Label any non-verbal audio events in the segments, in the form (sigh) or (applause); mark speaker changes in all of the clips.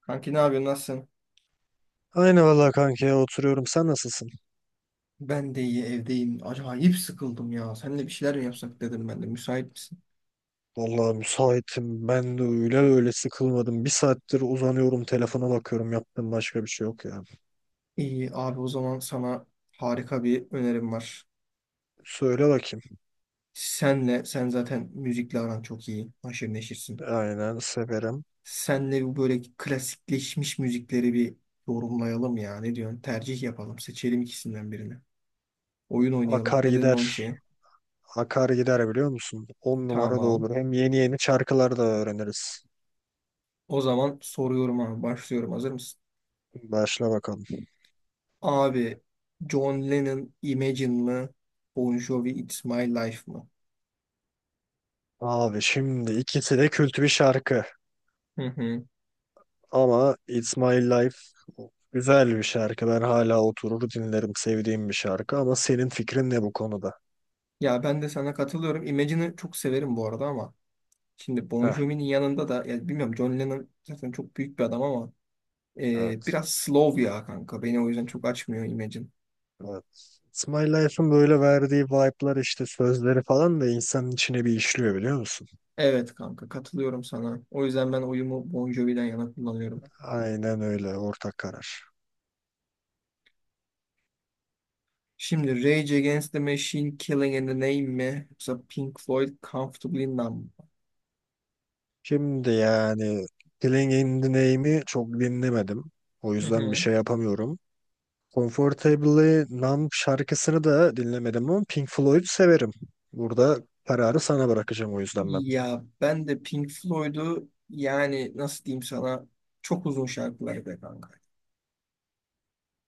Speaker 1: Kanki ne yapıyorsun? Nasılsın?
Speaker 2: Aynı vallahi kanka ya oturuyorum. Sen nasılsın?
Speaker 1: Ben de iyi, evdeyim. Acayip sıkıldım ya. Seninle bir şeyler mi yapsak dedim ben de. Müsait misin?
Speaker 2: Vallahi müsaitim. Ben de öyle sıkılmadım. Bir saattir uzanıyorum telefona bakıyorum. Yaptığım başka bir şey yok ya.
Speaker 1: İyi abi, o zaman sana harika bir önerim var.
Speaker 2: Söyle bakayım.
Speaker 1: Senle, sen zaten müzikle aran çok iyi. Haşır neşirsin.
Speaker 2: Aynen severim.
Speaker 1: Senle bu böyle klasikleşmiş müzikleri bir yorumlayalım ya. Ne diyorsun? Tercih yapalım. Seçelim ikisinden birini. Oyun oynayalım.
Speaker 2: Akar
Speaker 1: Ne dedin
Speaker 2: gider.
Speaker 1: o işe?
Speaker 2: Akar gider biliyor musun? On numara da
Speaker 1: Tamam.
Speaker 2: olur. Hem yeni yeni şarkılar da öğreniriz.
Speaker 1: O zaman soruyorum abi. Başlıyorum. Hazır mısın?
Speaker 2: Başla bakalım.
Speaker 1: Abi John Lennon Imagine mı? Bon Jovi It's My Life mı?
Speaker 2: Abi şimdi ikisi de kült bir şarkı.
Speaker 1: Hı hı.
Speaker 2: Ama It's My Life güzel bir şarkı. Ben hala oturur dinlerim. Sevdiğim bir şarkı. Ama senin fikrin ne bu konuda?
Speaker 1: Ya ben de sana katılıyorum. Imagine'ı çok severim bu arada, ama şimdi Bon
Speaker 2: Heh.
Speaker 1: Jovi'nin yanında da ya bilmiyorum, John Lennon zaten çok büyük bir adam ama
Speaker 2: Evet.
Speaker 1: biraz slow ya kanka. Beni o yüzden çok açmıyor Imagine.
Speaker 2: Evet. It's My Life'ın böyle verdiği vibe'lar işte sözleri falan da insanın içine bir işliyor biliyor musun?
Speaker 1: Evet kanka, katılıyorum sana. O yüzden ben oyumu Bon Jovi'den yana kullanıyorum.
Speaker 2: Aynen öyle, ortak karar.
Speaker 1: Şimdi Rage Against the Machine Killing in the Name mi? Yoksa Pink Floyd Comfortably Numb mı?
Speaker 2: Şimdi yani Killing in the Name'i çok dinlemedim. O
Speaker 1: Hı
Speaker 2: yüzden bir
Speaker 1: hı.
Speaker 2: şey yapamıyorum. Comfortably Numb şarkısını da dinlemedim ama Pink Floyd severim. Burada kararı sana bırakacağım o yüzden ben.
Speaker 1: Ya ben de Pink Floyd'u yani nasıl diyeyim sana, çok uzun şarkıları be kanka.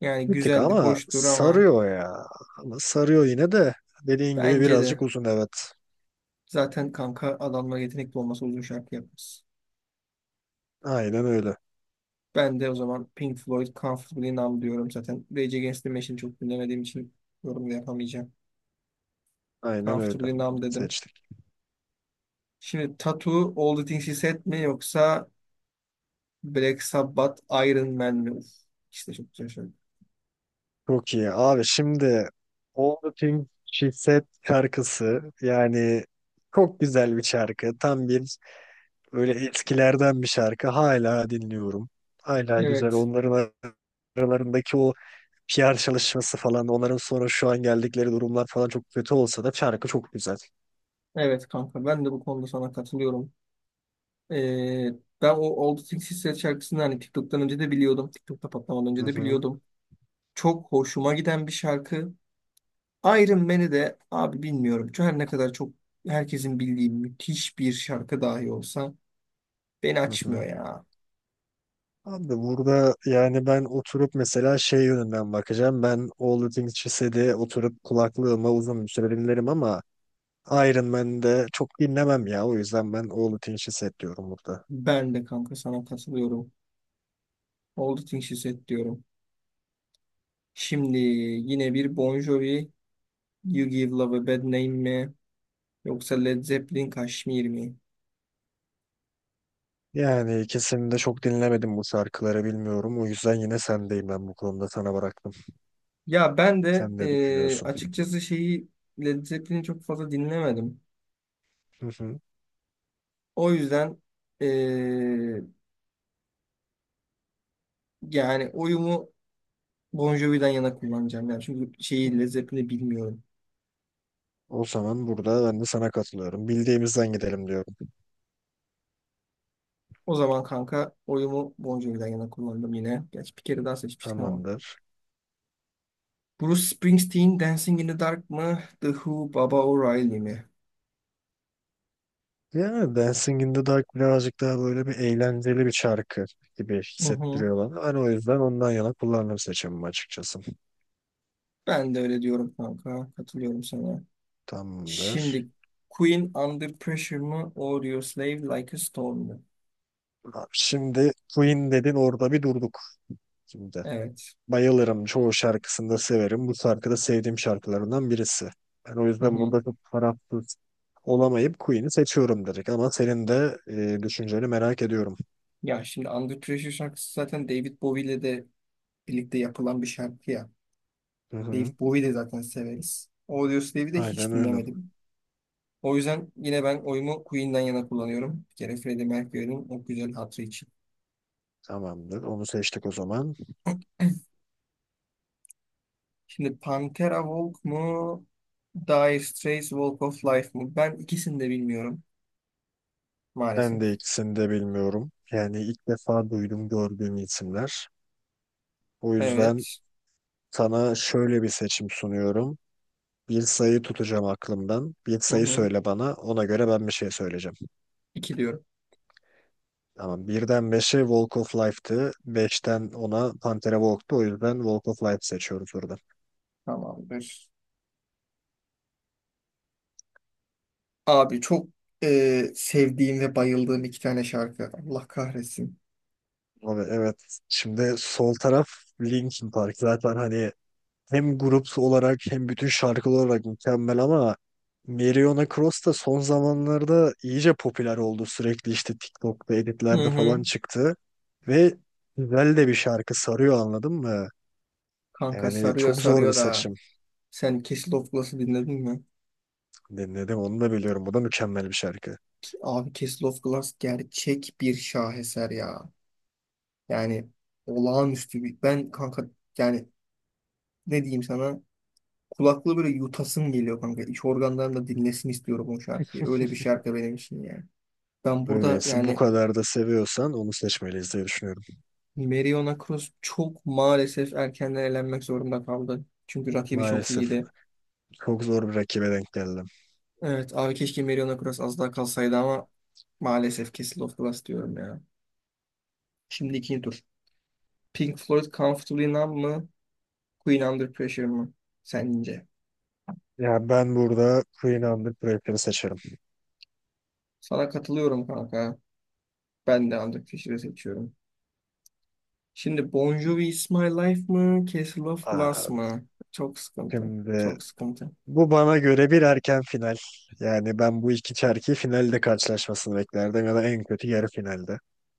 Speaker 1: Yani
Speaker 2: Bir tık
Speaker 1: güzeldir,
Speaker 2: ama
Speaker 1: hoştur ama
Speaker 2: sarıyor ya. Ama sarıyor yine de dediğin gibi
Speaker 1: bence
Speaker 2: birazcık
Speaker 1: de
Speaker 2: uzun, evet.
Speaker 1: zaten kanka adamlar yetenekli olmasa uzun şarkı yapmaz.
Speaker 2: Aynen öyle.
Speaker 1: Ben de o zaman Pink Floyd Comfortably Numb diyorum zaten. Rage Against the Machine'i çok dinlemediğim için yorum da yapamayacağım.
Speaker 2: Aynen öyle.
Speaker 1: Comfortably Numb dedim.
Speaker 2: Seçtik.
Speaker 1: Şimdi Tattoo All the Things He Said mi, yoksa Black Sabbath Iron Man mi? Uf, işte çok güzel şarkı.
Speaker 2: Çok iyi. Abi şimdi All the Things She Said şarkısı yani çok güzel bir şarkı. Tam bir böyle eskilerden bir şarkı. Hala dinliyorum. Hala güzel.
Speaker 1: Evet.
Speaker 2: Onların aralarındaki o PR çalışması falan, onların sonra şu an geldikleri durumlar falan çok kötü olsa da şarkı çok güzel.
Speaker 1: Evet kanka, ben de bu konuda sana katılıyorum. Ee, ben o Old Sixties şarkısını hani TikTok'tan önce de biliyordum. TikTok'ta patlamadan
Speaker 2: Hı
Speaker 1: önce de
Speaker 2: hı.
Speaker 1: biliyordum. Çok hoşuma giden bir şarkı. Iron Man'i de abi bilmiyorum. Şu her ne kadar çok herkesin bildiği müthiş bir şarkı dahi olsa beni
Speaker 2: Hı
Speaker 1: açmıyor
Speaker 2: hı.
Speaker 1: ya.
Speaker 2: Abi burada yani ben oturup mesela şey yönünden bakacağım. Ben All The Things She Said'i oturup kulaklığıma uzun bir süre dinlerim ama Iron Man'de çok dinlemem ya. O yüzden ben All The Things She Said diyorum burada.
Speaker 1: Ben de kanka sana katılıyorum. Old Sixties diyorum. Şimdi yine bir Bon Jovi You Give Love a Bad Name mi? Yoksa Led Zeppelin Kashmir mi?
Speaker 2: Yani ikisini de çok dinlemedim, bu şarkıları bilmiyorum. O yüzden yine sendeyim, ben bu konuda sana bıraktım.
Speaker 1: Ya ben de
Speaker 2: Sen ne düşünüyorsun?
Speaker 1: açıkçası şeyi Led Zeppelin'i çok fazla dinlemedim.
Speaker 2: Hı hı.
Speaker 1: O yüzden eee, yani oyumu Bon Jovi'den yana kullanacağım. Yani çünkü şeyi Led Zeppelin'i bilmiyorum.
Speaker 2: O zaman burada ben de sana katılıyorum. Bildiğimizden gidelim diyorum.
Speaker 1: O zaman kanka oyumu Bon Jovi'den yana kullandım yine. Gerçi bir kere daha seçmiştik ama.
Speaker 2: Tamamdır.
Speaker 1: Bruce Springsteen Dancing in the Dark mı? The Who Baba O'Reilly mi?
Speaker 2: Yani Dancing in the Dark birazcık daha böyle bir eğlenceli bir şarkı gibi
Speaker 1: Hı hı.
Speaker 2: hissettiriyor bana. Hani o yüzden ondan yana kullandım seçimimi açıkçası.
Speaker 1: Ben de öyle diyorum kanka. Katılıyorum sana.
Speaker 2: Tamamdır.
Speaker 1: Şimdi Queen Under Pressure mı? Audio Slave Like a Storm mu?
Speaker 2: Abi şimdi Queen dedin, orada bir durduk şimdi.
Speaker 1: Evet.
Speaker 2: Bayılırım. Çoğu şarkısını da severim. Bu şarkı da sevdiğim şarkılarından birisi. Ben o
Speaker 1: Hı
Speaker 2: yüzden
Speaker 1: hı.
Speaker 2: burada çok tarafsız olamayıp Queen'i seçiyorum direkt. Ama senin de düşünceni merak ediyorum.
Speaker 1: Ya şimdi Under Pressure şarkısı zaten David Bowie ile de birlikte yapılan bir şarkı ya.
Speaker 2: Hı hı.
Speaker 1: David Bowie de zaten severiz. Audios Dave'i de hiç
Speaker 2: Aynen öyle.
Speaker 1: dinlemedim. O yüzden yine ben oyumu Queen'den yana kullanıyorum. Bir kere Freddie Mercury'nin o güzel hatırı için.
Speaker 2: Tamamdır. Onu seçtik o zaman.
Speaker 1: (clears throat) Şimdi Pantera Walk mu? Dire Straits Walk of Life mı? Ben ikisini de bilmiyorum
Speaker 2: Ben
Speaker 1: maalesef.
Speaker 2: de ikisini de bilmiyorum. Yani ilk defa duydum, gördüğüm isimler. O yüzden
Speaker 1: Evet.
Speaker 2: sana şöyle bir seçim sunuyorum. Bir sayı tutacağım aklımdan. Bir
Speaker 1: Hı
Speaker 2: sayı
Speaker 1: hı.
Speaker 2: söyle bana. Ona göre ben bir şey söyleyeceğim.
Speaker 1: İki diyorum.
Speaker 2: Tamam. Birden beşe Walk of Life'tı. Beşten ona Pantera Walk'tu. O yüzden Walk of Life seçiyoruz burada.
Speaker 1: Tamamdır. Abi çok sevdiğim ve bayıldığım iki tane şarkı. Allah kahretsin.
Speaker 2: Abi evet. Şimdi sol taraf Linkin Park. Zaten hani hem grup olarak hem bütün şarkılar olarak mükemmel ama Meriona Cross da son zamanlarda iyice popüler oldu. Sürekli işte TikTok'ta
Speaker 1: Hı
Speaker 2: editlerde
Speaker 1: hı.
Speaker 2: falan çıktı. Ve güzel de bir şarkı, sarıyor anladın mı?
Speaker 1: Kanka
Speaker 2: Yani
Speaker 1: sarıyor,
Speaker 2: çok zor bir
Speaker 1: sarıyor da.
Speaker 2: seçim.
Speaker 1: Sen Castle of Glass'ı dinledin mi?
Speaker 2: Dinledim, onu da biliyorum. Bu da mükemmel bir şarkı.
Speaker 1: Abi Castle of Glass gerçek bir şaheser ya. Yani olağanüstü bir. Ben kanka yani ne diyeyim sana? Kulaklığı böyle yutasım geliyor kanka. İç organlarım da dinlesin istiyorum o şarkıyı. Öyle bir
Speaker 2: (laughs)
Speaker 1: şarkı benim için yani. Ben burada
Speaker 2: Öyleyse bu
Speaker 1: yani
Speaker 2: kadar da seviyorsan onu seçmeliyiz diye düşünüyorum.
Speaker 1: Meriona Cross çok maalesef erkenden elenmek zorunda kaldı. Çünkü rakibi çok
Speaker 2: Maalesef
Speaker 1: iyiydi.
Speaker 2: çok zor bir rakibe denk geldim.
Speaker 1: Evet abi, keşke Mariona Cross az daha kalsaydı ama maalesef kesildi of the Last diyorum ya. Şimdi ikinci tur. Pink Floyd Comfortably Numb mı? Queen Under Pressure mı? Sence?
Speaker 2: Ya ben burada Queen Under Pressure'ı seçerim.
Speaker 1: Sana katılıyorum kanka. Ben de Under Pressure'ı seçiyorum. Şimdi Bon Jovi Is My Life mı? Castle of Glass
Speaker 2: Aa,
Speaker 1: mı? Çok sıkıntı.
Speaker 2: şimdi
Speaker 1: Çok sıkıntı.
Speaker 2: bu bana göre bir erken final. Yani ben bu iki çerki finalde karşılaşmasını beklerdim ya da en kötü yarı finalde.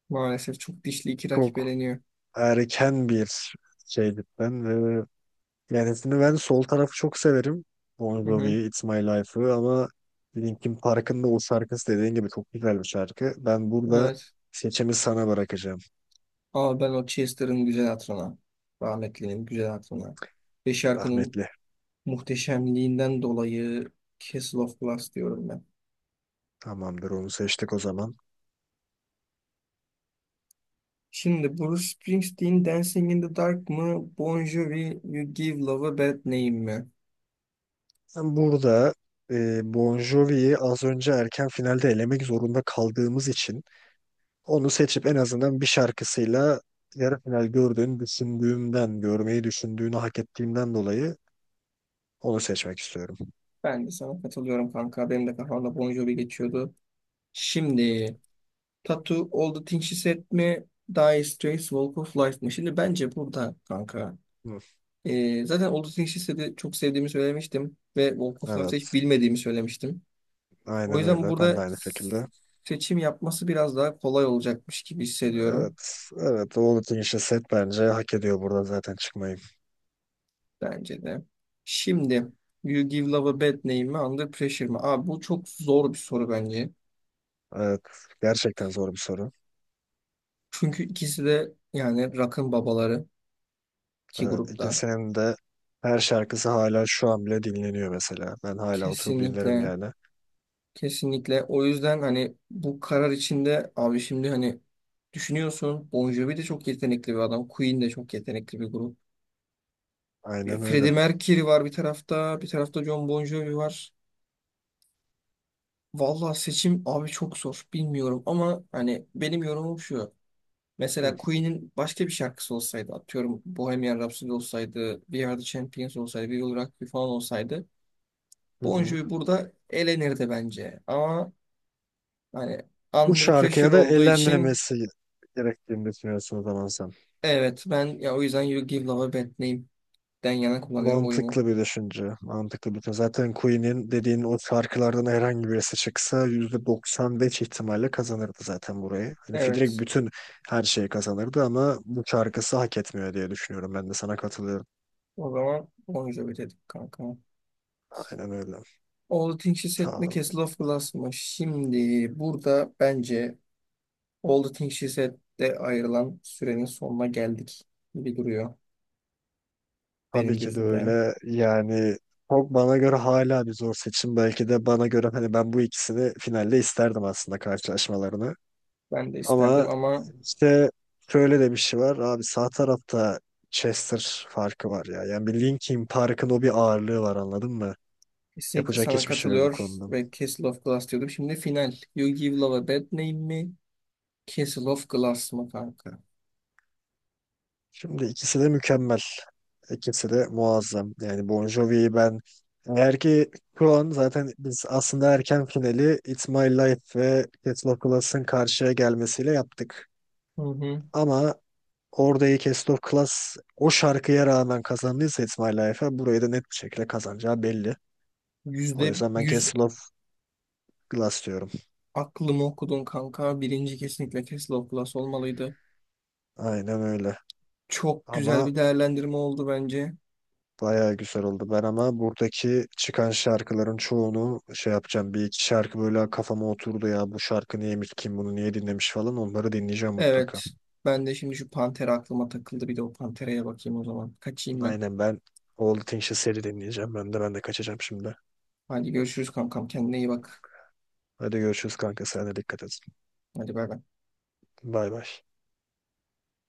Speaker 1: Maalesef çok dişli iki rakip
Speaker 2: Çok
Speaker 1: eleniyor.
Speaker 2: erken bir şey cidden ve yani şimdi ben sol tarafı çok severim. Bon
Speaker 1: Hı
Speaker 2: Jovi,
Speaker 1: hı.
Speaker 2: It's My Life'ı ama Linkin Park'ın da o şarkısı dediğin gibi çok güzel bir şarkı. Ben burada
Speaker 1: Evet.
Speaker 2: seçimi sana bırakacağım.
Speaker 1: Ama ben o Chester'ın güzel hatırına. Rahmetlinin güzel hatırına. Ve şarkının
Speaker 2: Rahmetli.
Speaker 1: muhteşemliğinden dolayı Castle of Glass diyorum ben.
Speaker 2: Tamamdır, onu seçtik o zaman.
Speaker 1: Şimdi Bruce Springsteen Dancing in the Dark mı? Bon Jovi You Give Love a Bad Name mi?
Speaker 2: Ben burada Bon Jovi'yi az önce erken finalde elemek zorunda kaldığımız için onu seçip en azından bir şarkısıyla yarı final gördüğünü düşündüğümden, görmeyi düşündüğünü hak ettiğimden dolayı onu seçmek istiyorum.
Speaker 1: Ben de sana katılıyorum kanka. Benim de kafamda Bon Jovi geçiyordu. Şimdi Tattoo All the Things She Said mi? Dire Straits Walk of Life mi? Şimdi bence burada kanka.
Speaker 2: Hı,
Speaker 1: Zaten All the Things She Said'i çok sevdiğimi söylemiştim. Ve Walk of Life'ı hiç
Speaker 2: evet.
Speaker 1: bilmediğimi söylemiştim. O
Speaker 2: Aynen
Speaker 1: yüzden
Speaker 2: öyle. Ben de
Speaker 1: burada
Speaker 2: aynı şekilde.
Speaker 1: seçim yapması biraz daha kolay olacakmış gibi hissediyorum,
Speaker 2: Evet. Evet. All set, bence hak ediyor burada zaten çıkmayı.
Speaker 1: bence de. Şimdi You Give Love a Bad Name mi, Under Pressure mi? Abi bu çok zor bir soru bence.
Speaker 2: Evet. Gerçekten zor bir soru.
Speaker 1: Çünkü ikisi de yani rock'ın babaları iki
Speaker 2: Evet.
Speaker 1: grupta.
Speaker 2: İkisinin de her şarkısı hala şu an bile dinleniyor mesela. Ben hala oturup dinlerim
Speaker 1: Kesinlikle,
Speaker 2: yani.
Speaker 1: kesinlikle, o yüzden hani bu karar içinde abi şimdi hani düşünüyorsun, Bon Jovi de çok yetenekli bir adam. Queen de çok yetenekli bir grup.
Speaker 2: Aynen öyle.
Speaker 1: Freddie Mercury var bir tarafta, bir tarafta John Bon Jovi var. Vallahi seçim abi çok zor. Bilmiyorum ama hani benim yorumum şu. Mesela
Speaker 2: Hı
Speaker 1: Queen'in başka bir şarkısı olsaydı, atıyorum Bohemian Rhapsody olsaydı, We Are The Champions olsaydı, We Will Rock You falan olsaydı,
Speaker 2: hı.
Speaker 1: Bon
Speaker 2: Hı.
Speaker 1: Jovi burada elenirdi bence. Ama hani
Speaker 2: Bu
Speaker 1: Under
Speaker 2: şarkıya
Speaker 1: Pressure
Speaker 2: da
Speaker 1: olduğu için,
Speaker 2: eğlenmemesi gerektiğini düşünüyorsun o zaman sen.
Speaker 1: evet ben ya o yüzden You Give Love a Bad Name'den yana kullanıyorum oyumu.
Speaker 2: Mantıklı bir düşünce. Mantıklı bir düşünce. Zaten Queen'in dediğin o şarkılardan herhangi birisi çıksa %95 ihtimalle kazanırdı zaten burayı. Hani Fidrik
Speaker 1: Evet.
Speaker 2: bütün her şeyi kazanırdı ama bu şarkısı hak etmiyor diye düşünüyorum. Ben de sana katılıyorum.
Speaker 1: O zaman Bon Jovi dedik kanka.
Speaker 2: Aynen öyle.
Speaker 1: All the Things She Said mi,
Speaker 2: Ta-
Speaker 1: Castle of Glass mı? Şimdi burada bence All the Things She Said'de ayrılan sürenin sonuna geldik gibi duruyor
Speaker 2: tabii
Speaker 1: benim
Speaker 2: ki de
Speaker 1: gözümde.
Speaker 2: öyle. Yani çok bana göre hala bir zor seçim. Belki de bana göre hani ben bu ikisini finalde isterdim aslında karşılaşmalarını.
Speaker 1: Ben de isterdim
Speaker 2: Ama
Speaker 1: ama
Speaker 2: işte şöyle de bir şey var. Abi sağ tarafta Chester farkı var ya. Yani bir Linkin Park'ın o bir ağırlığı var anladın mı?
Speaker 1: kesinlikle
Speaker 2: Yapacak
Speaker 1: sana
Speaker 2: hiçbir şey yok bu
Speaker 1: katılıyor
Speaker 2: konuda.
Speaker 1: ve Castle of Glass diyordum. Şimdi final. You Give Love a Bad Name mi? Castle of Glass mı kanka?
Speaker 2: Şimdi ikisi de mükemmel. İkisi de muazzam. Yani Bon Jovi'yi ben eğer ki şu an zaten biz aslında erken finali It's My Life ve Cats of Class'ın karşıya gelmesiyle yaptık.
Speaker 1: Hı hı.
Speaker 2: Ama oradaki Cats of Class o şarkıya rağmen kazandıysa It's My Life'a burayı da net bir şekilde kazanacağı belli. O
Speaker 1: Yüzde
Speaker 2: yüzden ben
Speaker 1: yüz
Speaker 2: Castle of Glass diyorum.
Speaker 1: aklımı okudun kanka. Birinci kesinlikle Castle of Glass olmalıydı.
Speaker 2: Aynen öyle.
Speaker 1: Çok güzel
Speaker 2: Ama
Speaker 1: bir değerlendirme oldu bence.
Speaker 2: bayağı güzel oldu. Ben ama buradaki çıkan şarkıların çoğunu şey yapacağım. Bir iki şarkı böyle kafama oturdu ya. Bu şarkı neymiş, kim bunu niye dinlemiş falan. Onları dinleyeceğim
Speaker 1: Evet.
Speaker 2: mutlaka.
Speaker 1: Ben de şimdi şu panter aklıma takıldı. Bir de o pantereye bakayım o zaman. Kaçayım ben.
Speaker 2: Aynen, ben All the Things You Said'i dinleyeceğim. Ben de kaçacağım şimdi.
Speaker 1: Hadi görüşürüz kankam. Kendine iyi bak.
Speaker 2: Hadi görüşürüz kanka. Sen de dikkat et.
Speaker 1: Hadi bay bay.
Speaker 2: Bay bay.